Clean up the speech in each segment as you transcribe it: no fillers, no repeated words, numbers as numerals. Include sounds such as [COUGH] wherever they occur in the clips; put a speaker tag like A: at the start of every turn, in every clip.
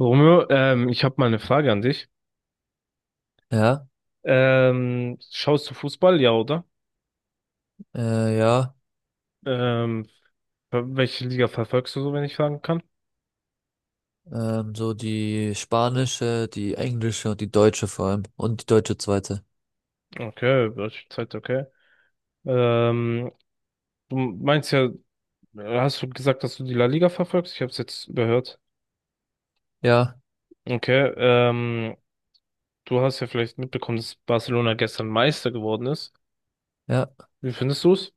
A: Romeo, ich habe mal eine Frage an dich.
B: Ja,
A: Schaust du Fußball, ja, oder?
B: ja,
A: Ähm, Welche Liga verfolgst du so, wenn ich fragen kann?
B: so die spanische, die englische und die deutsche vor allem und die deutsche zweite.
A: Okay, welche Zeit, okay. Ähm, Du meinst ja, hast du gesagt, dass du die La Liga verfolgst? Ich habe es jetzt überhört.
B: Ja,
A: Okay, du hast ja vielleicht mitbekommen, dass Barcelona gestern Meister geworden ist.
B: ja,
A: Wie findest du es?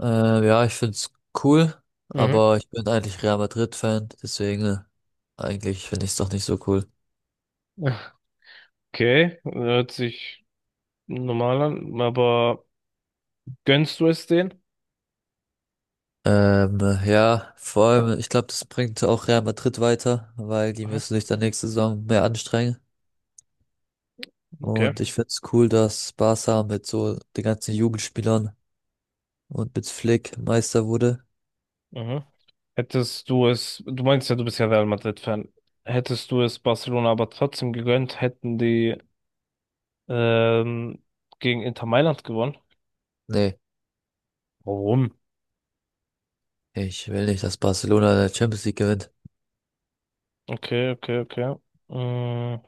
B: ja, ich find's cool,
A: Mhm.
B: aber ich bin eigentlich Real Madrid-Fan, deswegen eigentlich finde ich's doch nicht so cool.
A: Okay, hört sich normal an, aber gönnst du es denen?
B: Ähm, ja, vor allem, ich glaube, das bringt auch Real Madrid weiter, weil die
A: Mhm.
B: müssen sich dann nächste Saison mehr anstrengen.
A: Okay.
B: Und ich find's cool, dass Barca mit so den ganzen Jugendspielern und mit Flick Meister wurde.
A: Mhm. Hättest du es, du meinst ja, du bist ja Real Madrid-Fan. Hättest du es Barcelona aber trotzdem gegönnt, hätten die ähm, gegen Inter Mailand gewonnen?
B: Nee.
A: Warum?
B: Ich will nicht, dass Barcelona die Champions League gewinnt.
A: Okay, okay, okay. Mm,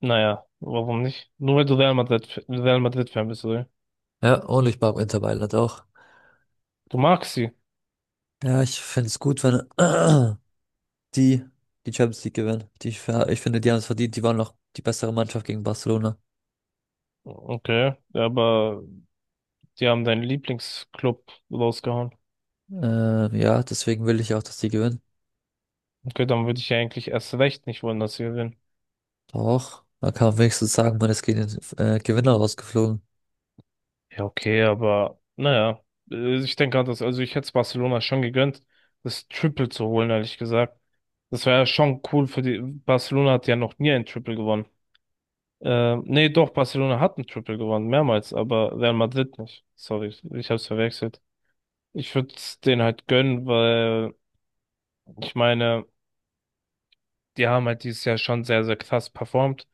A: naja, warum nicht? Nur weil du Real Madrid-Fan bist, oder?
B: Ja, und ich mag Inter Mailand auch.
A: Du magst sie.
B: Ja, ich finde es gut, wenn [CLEARS THROAT] die die Champions League gewinnen. Die, ich finde, die haben es verdient. Die waren noch die bessere Mannschaft gegen Barcelona.
A: Okay, ja, aber die haben deinen Lieblingsclub rausgehauen.
B: Ja, deswegen will ich auch, dass die gewinnen.
A: Okay, dann würde ich ja eigentlich erst recht nicht wollen, dass sie gewinnen.
B: Doch, man kann wenigstens sagen, man ist gegen den Gewinner rausgeflogen.
A: Ja, okay, aber naja, ich denke halt, dass, also ich hätte es Barcelona schon gegönnt, das Triple zu holen, ehrlich gesagt. Das wäre ja schon cool für die. Barcelona hat ja noch nie ein Triple gewonnen. Nee, doch, Barcelona hat ein Triple gewonnen, mehrmals, aber Real Madrid nicht. Sorry, ich hab's verwechselt. Ich würde es denen halt gönnen, weil ich meine, die haben halt dieses Jahr schon sehr, sehr krass performt.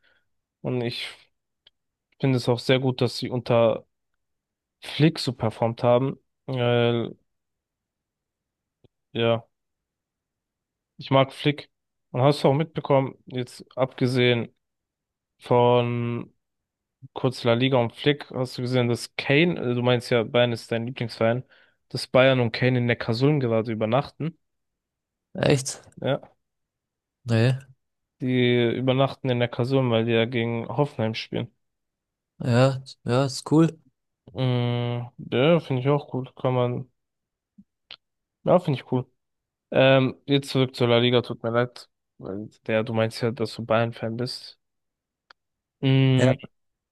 A: Und ich finde es auch sehr gut, dass sie unter Flick so performt haben. Weil, ja. Ich mag Flick. Und hast du auch mitbekommen, jetzt abgesehen von kurz La Liga und Flick, hast du gesehen, dass Kane, du meinst ja, Bayern ist dein Lieblingsverein, dass Bayern und Kane in Neckarsulm gerade übernachten.
B: Echt?
A: Ja,
B: Nee.
A: die übernachten in Neckarsulm, weil die ja gegen Hoffenheim spielen.
B: Ja, ja, ist cool.
A: Mm, ja, finde ich auch cool. Kann man, ja, finde ich cool. Jetzt zurück zur La Liga, tut mir leid, weil du meinst ja, dass du Bayern-Fan bist.
B: Ja.
A: Mm,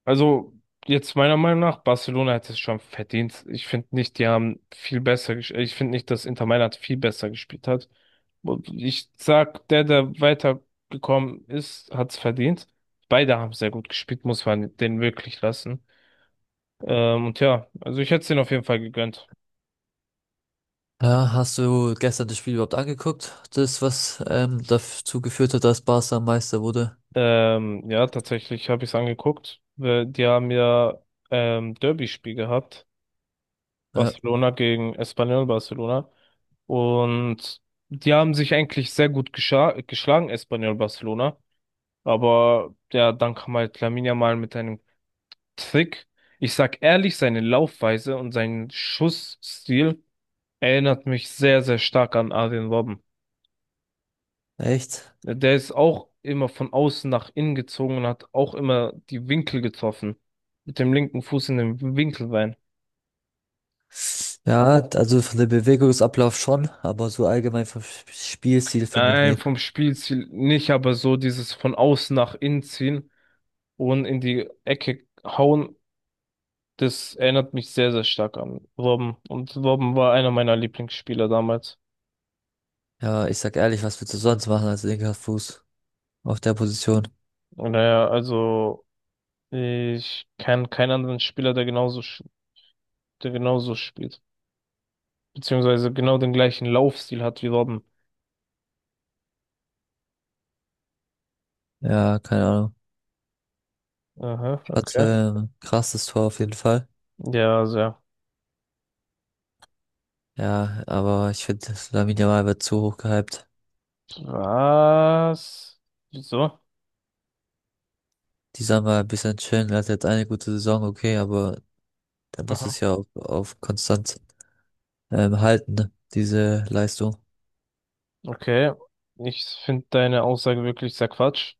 A: Also, jetzt meiner Meinung nach, Barcelona hätte es schon verdient. Ich finde nicht, die haben viel besser gespielt. Ich finde nicht, dass Inter Mailand viel besser gespielt hat. Und ich sag, der, der weitergekommen ist, hat es verdient. Beide haben sehr gut gespielt, muss man denen wirklich lassen. Und ja, also ich hätte es denen auf jeden Fall gegönnt.
B: Ja, hast du gestern das Spiel überhaupt angeguckt? Das, was dazu geführt hat, dass Barca Meister wurde?
A: Ja, tatsächlich habe ich es angeguckt. Weil die haben ja Derby-Spiel gehabt.
B: Ja.
A: Barcelona gegen Espanyol Barcelona. Und die haben sich eigentlich sehr gut geschlagen, Espanyol Barcelona. Aber ja, dann kam halt Lamine Yamal mit einem Trick. Ich sag ehrlich, seine Laufweise und sein Schussstil erinnert mich sehr, sehr stark an Arjen Robben.
B: Echt?
A: Der ist auch immer von außen nach innen gezogen und hat auch immer die Winkel getroffen. Mit dem linken Fuß in den Winkel rein.
B: Ja, also von dem Bewegungsablauf schon, aber so allgemein vom Spielstil finde ich
A: Nein,
B: nicht.
A: vom Spielstil nicht, aber so dieses von außen nach innen ziehen und in die Ecke hauen, das erinnert mich sehr, sehr stark an Robben. Und Robben war einer meiner Lieblingsspieler damals.
B: Ja, ich sag ehrlich, was willst du sonst machen als linker Fuß auf der Position?
A: Und naja, also ich kenne keinen anderen Spieler, der genauso, der genauso spielt. Beziehungsweise genau den gleichen Laufstil hat wie Robben.
B: Ja, keine Ahnung.
A: Aha, okay.
B: Hatte ein krasses Tor auf jeden Fall.
A: Ja, sehr.
B: Ja, aber ich finde, Lamine Yamal wird zu hoch gehypt.
A: Was? Wieso?
B: Die soll mal ein bisschen chillen. Er hat jetzt eine gute Saison, okay, aber er muss
A: Aha,
B: es ja auf konstant halten, ne, diese Leistung,
A: okay. Ich finde deine Aussage wirklich sehr Quatsch.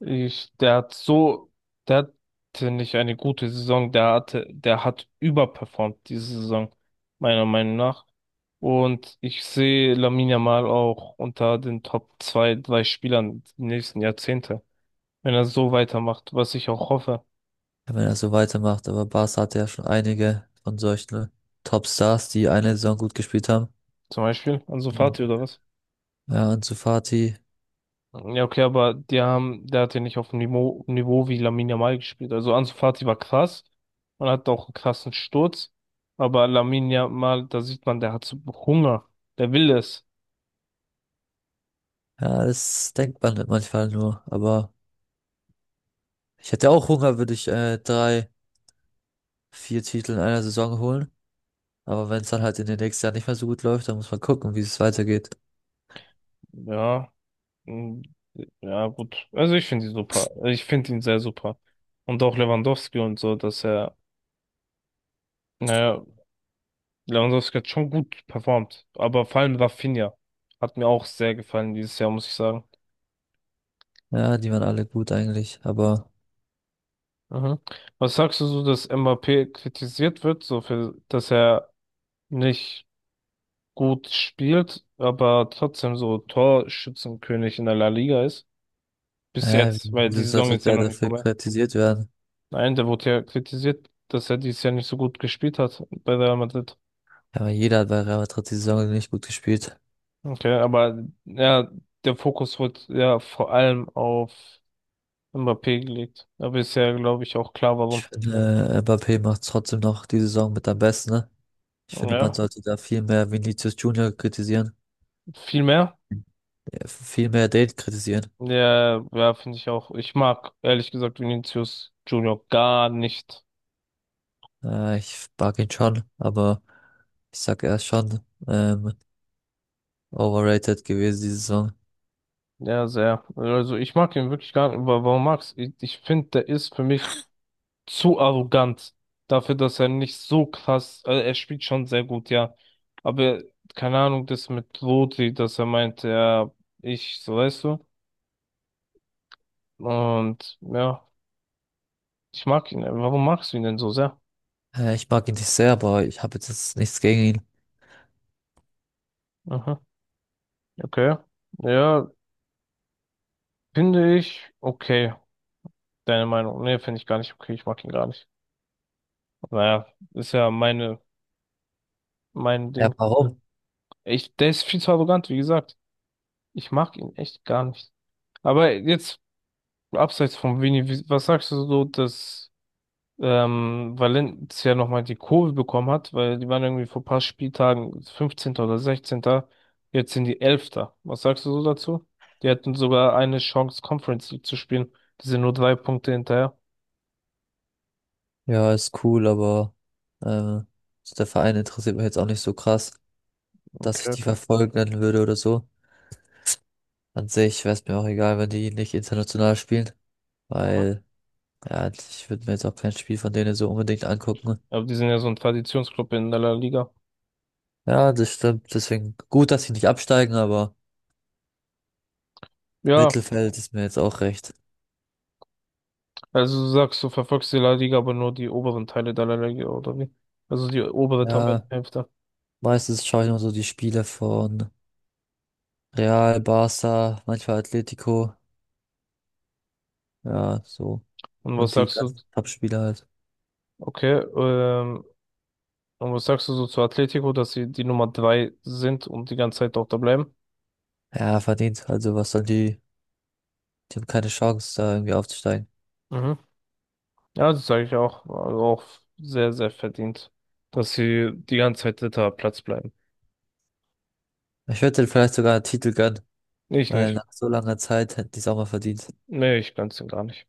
A: Der hat so, der hatte nicht eine gute Saison, der hatte, der hat überperformt diese Saison, meiner Meinung nach. Und ich sehe Lamine Yamal auch unter den Top zwei, drei Spielern die nächsten Jahrzehnte, wenn er so weitermacht, was ich auch hoffe.
B: wenn er so weitermacht. Aber Barca hatte ja schon einige von solchen Topstars, die eine Saison gut gespielt haben.
A: Zum Beispiel Ansu
B: Und
A: Fati oder was?
B: ja, Ansu Fati,
A: Ja, okay, aber die haben, der hat ja nicht auf dem Niveau wie Lamine Yamal gespielt. Also Ansu Fati war krass und hat auch einen krassen Sturz. Aber Lamine Yamal, da sieht man, der hat so Hunger. Der will es.
B: ja, das denkt man manchmal nur. Aber ich hätte auch Hunger, würde ich drei, vier Titel in einer Saison holen. Aber wenn es dann halt in den nächsten Jahren nicht mehr so gut läuft, dann muss man gucken, wie es weitergeht.
A: Ja. Mm, ja, gut. Also ich finde ihn super. Ich finde ihn sehr super. Und auch Lewandowski und so, dass er, naja, Lewandowski hat schon gut performt. Aber vor allem Rafinha hat mir auch sehr gefallen dieses Jahr, muss ich sagen.
B: Ja, die waren alle gut eigentlich. Aber
A: Mhm. Was sagst du so, dass Mbappé kritisiert wird, so für, dass er nicht gut spielt, aber trotzdem so Torschützenkönig in der La Liga ist? Bis jetzt, weil die
B: wieso
A: Saison
B: sollte
A: ist ja
B: der
A: noch nicht
B: dafür
A: vorbei.
B: kritisiert werden?
A: Nein, der wurde ja kritisiert, dass er dieses Jahr nicht so gut gespielt hat bei Real Madrid.
B: Ja, jeder hat bei Real Madrid die Saison nicht gut gespielt.
A: Okay, aber ja, der Fokus wird ja vor allem auf Mbappé gelegt. Aber ist ja, glaube ich, auch klar,
B: Ich
A: warum.
B: finde, Mbappé macht trotzdem noch die Saison mit am besten, ne? Ich finde, man
A: Ja,
B: sollte da viel mehr Vinicius Junior kritisieren,
A: viel mehr.
B: ja, viel mehr den kritisieren.
A: Ja, ja, finde ich auch. Ich mag ehrlich gesagt Vinicius Junior gar nicht.
B: Ich mag ihn schon, aber ich sag, er ist schon ähm, overrated gewesen diese Saison.
A: Ja, sehr. Also ich mag ihn wirklich gar nicht. Warum magst du? Ich finde, der ist für mich zu arrogant dafür, dass er nicht so krass. Also er spielt schon sehr gut, ja. Aber keine Ahnung, das mit Rodri, dass er meint, ja, ich, so weißt du. Und ja, ich mag ihn. Warum magst du ihn denn so sehr?
B: Ich mag ihn nicht sehr, aber ich habe jetzt nichts gegen ihn.
A: Aha, okay. Ja, finde ich okay. Deine Meinung? Nee, finde ich gar nicht okay. Ich mag ihn gar nicht. Naja, ist ja meine, mein
B: Ja,
A: Ding.
B: warum?
A: Der ist viel zu arrogant, wie gesagt. Ich mag ihn echt gar nicht. Aber jetzt, abseits von Vini, was sagst du so, dass Valencia nochmal die Kurve bekommen hat? Weil die waren irgendwie vor ein paar Spieltagen 15. oder sechzehnter. Jetzt sind die elfter. Was sagst du so dazu? Die hatten sogar eine Chance, Conference League zu spielen. Die sind nur 3 Punkte hinterher.
B: Ja, ist cool, aber äh, so der Verein interessiert mich jetzt auch nicht so krass, dass
A: Okay,
B: ich die
A: okay.
B: verfolgen würde oder so. An sich wäre es mir auch egal, wenn die nicht international spielen,
A: Mhm.
B: weil ja, ich würde mir jetzt auch kein Spiel von denen so unbedingt angucken.
A: Aber die sind ja so ein Traditionsclub in der La Liga.
B: Ja, das stimmt. Deswegen gut, dass sie nicht absteigen, aber
A: Ja,
B: Mittelfeld ist mir jetzt auch recht.
A: also du sagst, du verfolgst die La Liga, aber nur die oberen Teile der La Liga, oder wie? Also die obere
B: Ja,
A: Tabellenhälfte.
B: meistens schaue ich nur so die Spiele von Real, Barca, manchmal Atletico. Ja, so.
A: Und was
B: Und die
A: sagst du,
B: ganzen Top-Spieler halt.
A: okay, und was sagst du so zu Atletico, dass sie die Nummer 3 sind und die ganze Zeit dort da bleiben?
B: Ja, verdient. Also was sollen die? Die haben keine Chance, da irgendwie aufzusteigen.
A: Mhm. Ja, das sage ich auch. Also auch sehr, sehr verdient, dass sie die ganze Zeit dritter Platz bleiben.
B: Ich würde denen vielleicht sogar einen Titel gönnen,
A: Ich
B: weil
A: nicht.
B: nach so langer Zeit hätten die es auch mal verdient.
A: Nee, ich ganz und gar nicht.